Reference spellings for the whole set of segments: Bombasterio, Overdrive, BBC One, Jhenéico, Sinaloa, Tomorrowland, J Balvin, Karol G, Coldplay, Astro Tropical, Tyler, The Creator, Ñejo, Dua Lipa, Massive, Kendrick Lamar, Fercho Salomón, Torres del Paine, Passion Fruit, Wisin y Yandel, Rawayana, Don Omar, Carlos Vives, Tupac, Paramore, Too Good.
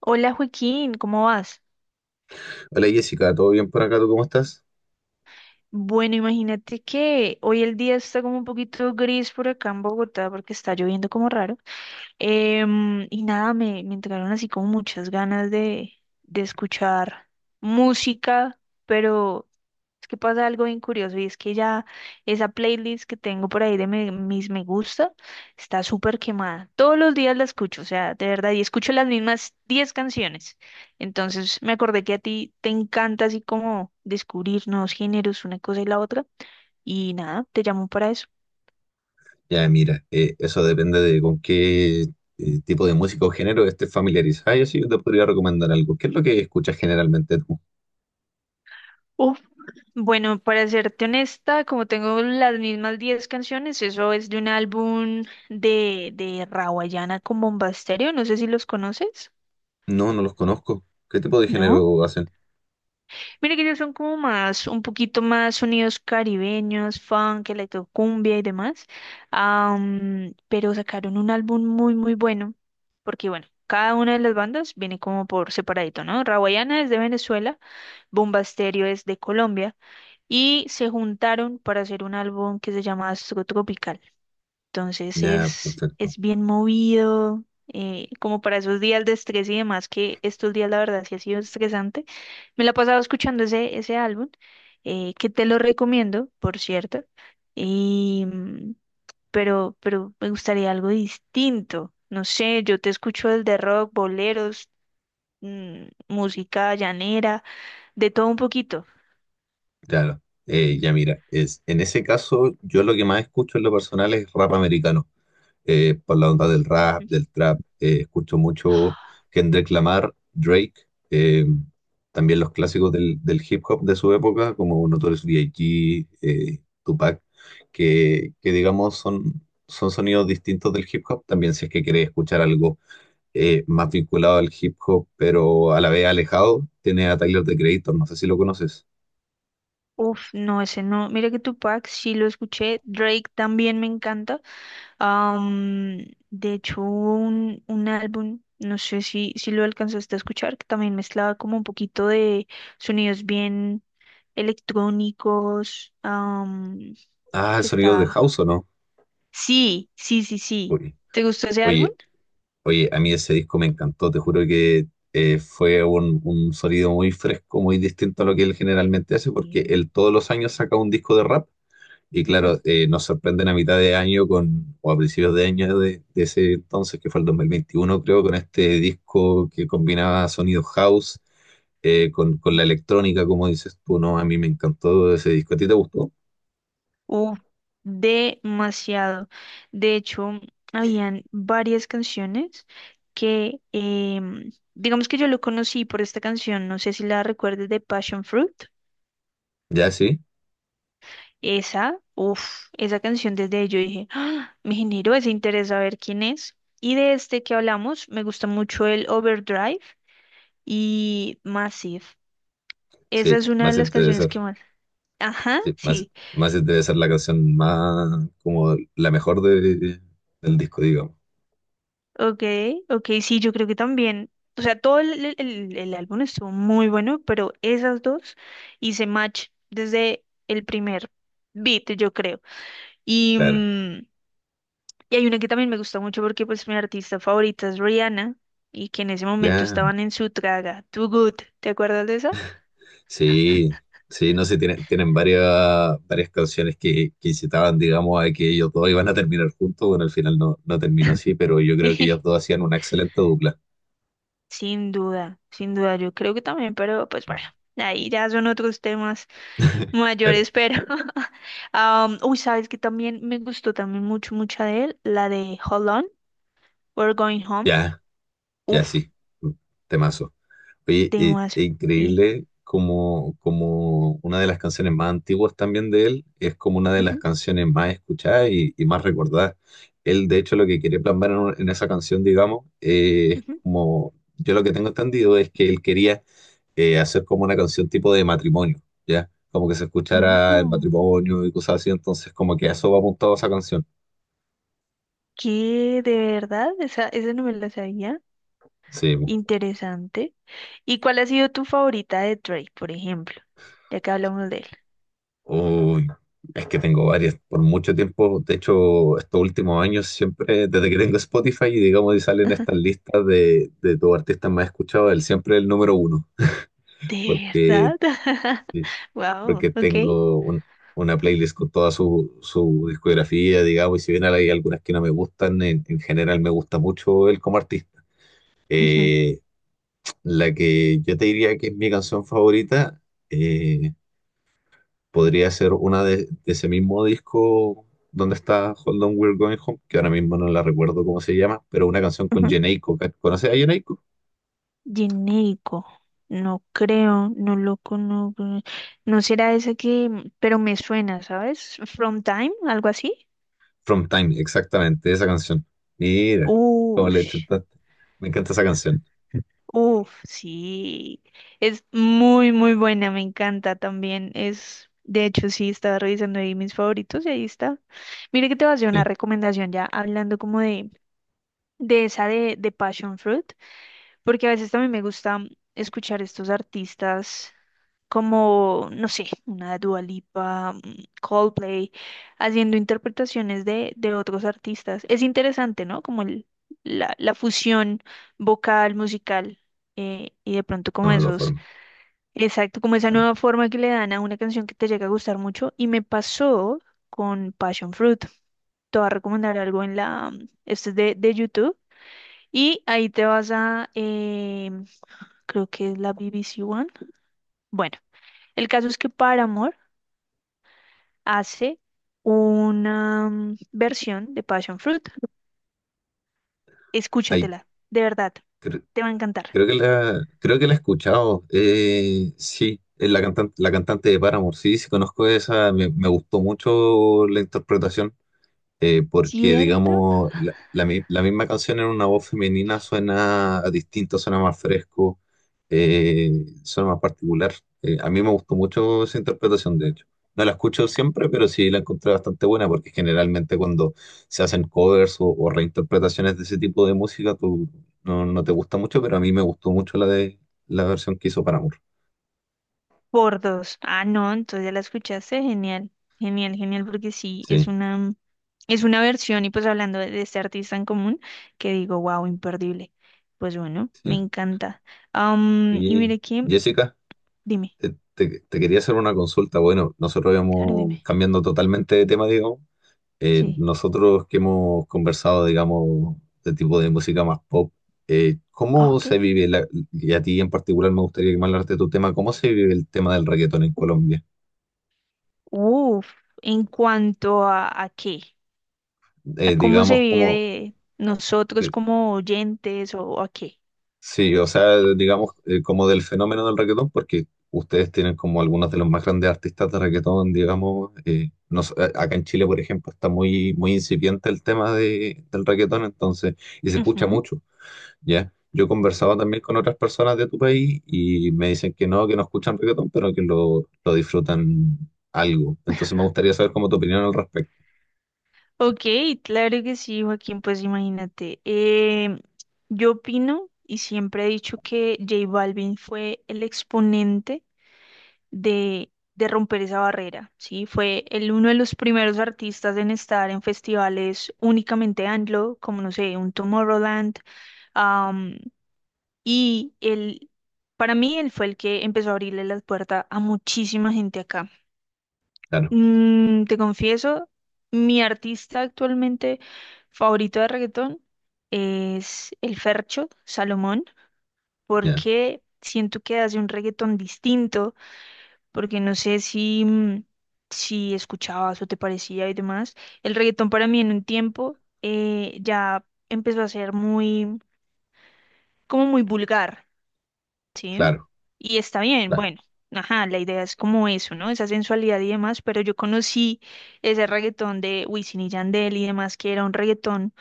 Hola Joaquín, ¿cómo vas? Hola Jessica, ¿todo bien por acá? ¿Tú cómo estás? Bueno, imagínate que hoy el día está como un poquito gris por acá en Bogotá porque está lloviendo como raro. Y nada, me entraron así como muchas ganas de escuchar música, pero es que pasa algo bien curioso y es que ya esa playlist que tengo por ahí de mis me gusta está súper quemada. Todos los días la escucho, o sea, de verdad, y escucho las mismas 10 canciones. Entonces me acordé que a ti te encanta así como descubrir nuevos géneros, una cosa y la otra, y nada, te llamo para eso. Ya, mira, eso depende de con qué tipo de música o género estés familiarizada. Yo sí, yo te podría recomendar algo. ¿Qué es lo que escuchas generalmente tú? Bueno, para serte honesta, como tengo las mismas 10 canciones, eso es de un álbum de Rawayana con Bombasterio, no sé si los conoces. No, no los conozco. ¿Qué tipo de ¿No? género hacen? Mira que ellos son como más, un poquito más sonidos caribeños, funk, electrocumbia y demás. Pero sacaron un álbum muy, muy bueno, porque bueno, cada una de las bandas viene como por separadito, ¿no? Rawayana es de Venezuela, Bombasterio es de Colombia, y se juntaron para hacer un álbum que se llama Astro Tropical. Entonces Ya, es, perfecto. es bien movido, como para esos días de estrés y demás, que estos días la verdad sí ha sido estresante. Me la he pasado escuchando ese álbum, que te lo recomiendo, por cierto. Y, mm, pero, pero me gustaría algo distinto. No sé, yo te escucho el de rock, boleros, música llanera, de todo un poquito. Claro. Ya, mira, en ese caso, yo lo que más escucho en lo personal es rap americano. Por la onda del rap, del trap. Escucho mucho Kendrick Lamar, Drake, eh, también los clásicos del hip hop de su época, como Notorious B.I.G., Tupac, que digamos son sonidos distintos del hip hop. También si es que querés escuchar algo más vinculado al hip hop, pero a la vez alejado, tiene a Tyler, The Creator, no sé si lo conoces. Uf, no, ese no. Mira que Tupac sí lo escuché. Drake también me encanta. Am, de hecho, hubo un álbum, no sé si lo alcanzaste a escuchar, que también mezclaba como un poquito de sonidos bien electrónicos. Ah, el Que sonido de está. House o no. Sí, sí, sí, sí. Uy. ¿Te gustó ese álbum? Oye, Oye, a mí ese disco me encantó, te juro que fue un sonido muy fresco, muy distinto a lo que él generalmente hace, porque Sí. él todos los años saca un disco de rap y Ujú. claro, nos sorprenden a mitad de año con, o a principios de año de ese entonces, que fue el 2021 creo, con este disco que combinaba sonido house con la electrónica, como dices tú, ¿no? A mí me encantó ese disco, ¿a ti te gustó? Uf, demasiado. De hecho, habían varias canciones que digamos que yo lo conocí por esta canción, no sé si la recuerdes, de Passion Fruit. Ya, sí, Esa canción, desde ahí yo dije: "Ah, me generó ese interés a ver quién es". Y de este que hablamos, me gusta mucho el Overdrive y Massive. Esa sí, es una de más las canciones interesante. que más. Ajá, Sí, más, sí. más debe ser la canción más, como la mejor del disco, digamos. Ok, ok, sí, yo creo que también. O sea, todo el álbum estuvo muy bueno, pero esas dos hice match desde el primer beat, yo creo. Y, Claro. mm, y hay una que también me gusta mucho, porque pues mi artista favorita es Rihanna, y que en ese momento Ya. estaban en su traga, Too Good, ¿te acuerdas de esa? Sí, sí, no sé, tienen varias canciones que incitaban, digamos, a que ellos dos iban a terminar juntos. Bueno, al final no, no terminó así, pero yo creo que ellos dos hacían una excelente dupla. Sin duda, sin duda, yo creo que también, pero pues bueno, ahí ya son otros temas. Mayor Pero espero. Uy, sabes que también me gustó también mucho, mucha de él, la de Hold On, We're Going Home. ya, ya Uf, sí. Temazo. Oye, temas. es Y. increíble como una de las canciones más antiguas también de él es como una de las Ujú, canciones más escuchadas y más recordadas. Él, de hecho, lo que quería plasmar en esa canción, digamos, es ujú. como, yo lo que tengo entendido es que él quería hacer como una canción tipo de matrimonio, ¿ya? Como que se escuchara el Oh, matrimonio y cosas así, entonces como que a eso va apuntado esa canción. ¿qué? ¿De verdad? Esa no me la sabía. Sí. Interesante. ¿Y cuál ha sido tu favorita de Drake, por ejemplo? Ya que hablamos de él. Uy, es que tengo varias. Por mucho tiempo, de hecho, estos últimos años, siempre, desde que tengo Spotify, y digamos, y salen estas listas de tus artistas más escuchados, él siempre es el número uno, ¿De porque, verdad? Wow, porque ok. tengo una playlist con toda su discografía, digamos, y si bien hay algunas que no me gustan, en general me gusta mucho él como artista. Ujú, Eh, la que yo te diría que es mi canción favorita. eh, Podría ser una de ese mismo disco donde está Hold On We're Going Home, que ahora mismo no la recuerdo cómo se llama, pero una canción con ujú. Jhenéico. ¿Conoces a Jhenéico? Genérico. No creo, no lo conozco. No será ese que, pero me suena, ¿sabes? From Time, algo así. From Time, exactamente, esa canción. Mira, cómo Uf, le chutaste. Me encanta esa canción. uf, sí. Es muy, muy buena, me encanta también. Es, de hecho, sí, estaba revisando ahí mis favoritos y ahí está. Mire que te voy a hacer una Sí, recomendación ya, hablando como de esa de Passion Fruit. Porque a veces también me gusta escuchar estos artistas como, no sé, una Dua Lipa, Coldplay, haciendo interpretaciones de otros artistas. Es interesante, ¿no? Como la fusión vocal, musical, y de pronto como no, de todas formas. exacto, como esa Bueno, nueva forma que le dan a una canción que te llega a gustar mucho. Y me pasó con Passion Fruit. Te voy a recomendar algo esto es de YouTube. Y ahí te vas a creo que es la BBC One. Bueno, el caso es que Paramore hace una versión de Passion Fruit. ahí Escúchatela, de verdad, cre- te va a encantar. creo que la he escuchado. Sí, es la cantante de Paramore. Sí, sí, conozco esa. Me gustó mucho la interpretación porque ¿Cierto? digamos, la misma canción en una voz femenina suena distinto, suena más fresco, eh, suena más particular. A mí me gustó mucho esa interpretación, de hecho. No la escucho siempre, pero sí la encontré bastante buena, porque generalmente cuando se hacen covers o reinterpretaciones de ese tipo de música, tú no te gusta mucho, pero a mí me gustó mucho la de la versión que hizo para amor. Por dos. Ah, no, entonces ya la escuchaste. Genial, genial, genial, porque sí, es Sí, una versión. Y pues hablando de este artista en común, que digo, wow, imperdible. Pues bueno, me sí. encanta. Y Oye, mire que, Jessica. dime, Te quería hacer una consulta. Bueno, nosotros claro, dime. íbamos cambiando totalmente de tema, digamos. Sí, Nosotros que hemos conversado, digamos, de tipo de música más pop, ¿cómo ok. se vive, la- y a ti en particular me gustaría que me hablaras de tu tema, ¿cómo se vive el tema del reggaetón en Colombia? Uf, ¿en cuanto a qué? ¿A cómo se Digamos, vive ¿cómo? de nosotros como oyentes o a qué? Sí, o sea, digamos, como del fenómeno del reggaetón, porque ustedes tienen como algunos de los más grandes artistas de reggaetón, digamos. Acá en Chile, por ejemplo, está muy, muy incipiente el tema del reggaetón, entonces, y se escucha Ujú. mucho, ¿ya? Yo he conversado también con otras personas de tu país y me dicen que no escuchan reggaetón, pero que lo disfrutan algo. Entonces me gustaría saber cómo tu opinión al respecto. Ok, claro que sí, Joaquín, pues imagínate. Yo opino y siempre he dicho que J Balvin fue el exponente de romper esa barrera, ¿sí? Fue uno de los primeros artistas en estar en festivales únicamente anglo, como no sé, un Tomorrowland. Y él, para mí, él fue el que empezó a abrirle la puerta a muchísima gente acá. Claro, Te confieso, mi artista actualmente favorito de reggaetón es el Fercho Salomón, ya, porque siento que hace un reggaetón distinto, porque no sé si escuchabas o te parecía y demás. El reggaetón para mí en un tiempo ya empezó a ser muy, como muy vulgar. Sí, claro, y está bien, claro, bueno, ajá, la idea es como eso, ¿no? Esa sensualidad y demás, pero yo conocí ese reggaetón de Wisin y Yandel y demás, que era un reggaetón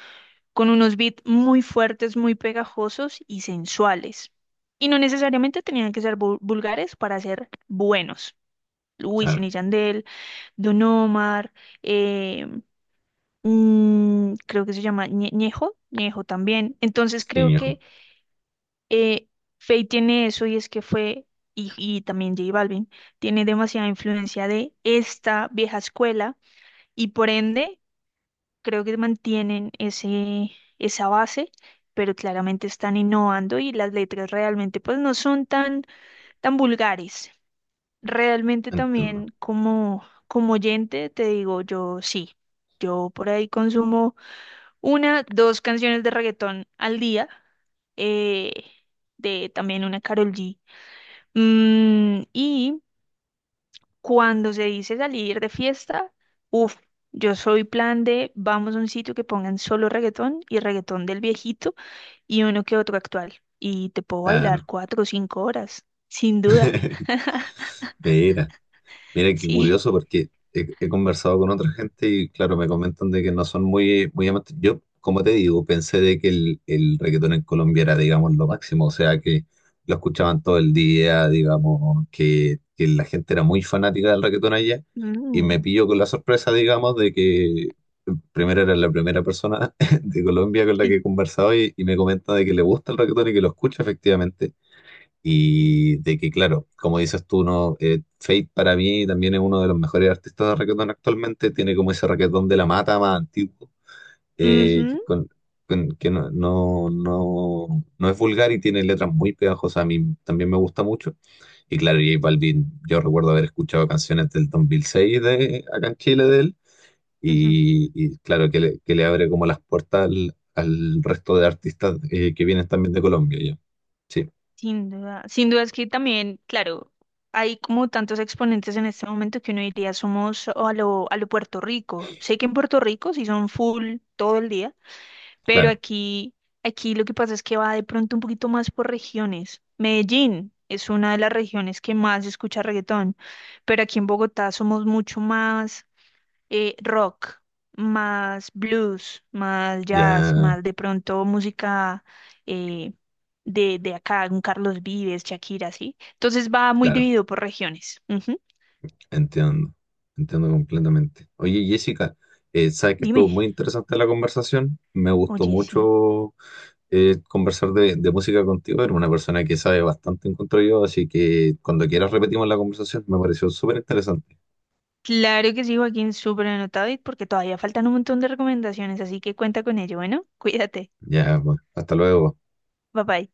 con unos beats muy fuertes, muy pegajosos y sensuales. Y no necesariamente tenían que ser vulgares para ser buenos. Wisin claro. y Yandel, Don Omar, eh, creo que se llama Ñejo también. Entonces Sí, creo viejo, que eh, Faye tiene eso, y es que fue, y también J Balvin tiene demasiada influencia de esta vieja escuela, y por ende creo que mantienen esa base, pero claramente están innovando, y las letras realmente pues no son tan, tan vulgares. Realmente entiendo. también como oyente te digo, yo sí, yo por ahí consumo una, dos canciones de reggaetón al día, eh, de también una Karol G. Y cuando se dice salir de fiesta, uff, yo soy plan de vamos a un sitio que pongan solo reggaetón, y reggaetón del viejito y uno que otro actual. Y te puedo bailar Claro. 4 o 5 horas, sin duda. Mira. Mira qué curioso Sí. porque he conversado con otra gente y claro, me comentan de que no son muy, muy amantes. Yo, como te digo, pensé de que el reggaetón en Colombia era, digamos, lo máximo, o sea, que lo escuchaban todo el día, digamos, que la gente era muy fanática del reggaetón allá y me Mm, pillo con la sorpresa, digamos, de que primero era la primera persona de Colombia con la que sí, he conversado y me comenta de que le gusta el reggaetón y que lo escucha efectivamente sí. y de que, claro, como dices tú, no, Fate para mí también es uno de los mejores artistas de reggaetón actualmente. Tiene como ese reggaetón de la mata más antiguo, eh, que, Ujú, con- que no, no, no, no es vulgar y tiene letras muy pegajosas. A mí también me gusta mucho. Y claro, J Balvin, yo recuerdo haber escuchado canciones del 2006 acá en Chile de él. ujú. Y claro, que le abre como las puertas al resto de artistas que vienen también de Colombia. Ya. Sí, Sin duda. Sin duda es que también, claro, hay como tantos exponentes en este momento, que uno diría somos a lo Puerto Rico. Sé que en Puerto Rico sí son full todo el día. Pero claro, aquí, lo que pasa es que va de pronto un poquito más por regiones. Medellín es una de las regiones que más escucha reggaetón, pero aquí en Bogotá somos mucho más rock, más blues, más jazz, ya. más de pronto música eh, de, acá, un Carlos Vives, Shakira, ¿sí? Entonces va muy Claro. dividido por regiones. Ujú. Entiendo, entiendo completamente. Oye, Jessica, sabes que estuvo Dime. muy interesante la conversación. Me gustó Oye, sí. mucho conversar de música contigo. Eres una persona que sabe bastante, encuentro yo, así que cuando quieras repetimos la conversación. Me pareció súper interesante. Claro que sí, Joaquín, súper anotado, y porque todavía faltan un montón de recomendaciones, así que cuenta con ello. Bueno, cuídate. Ya, pues, hasta luego. Bye bye.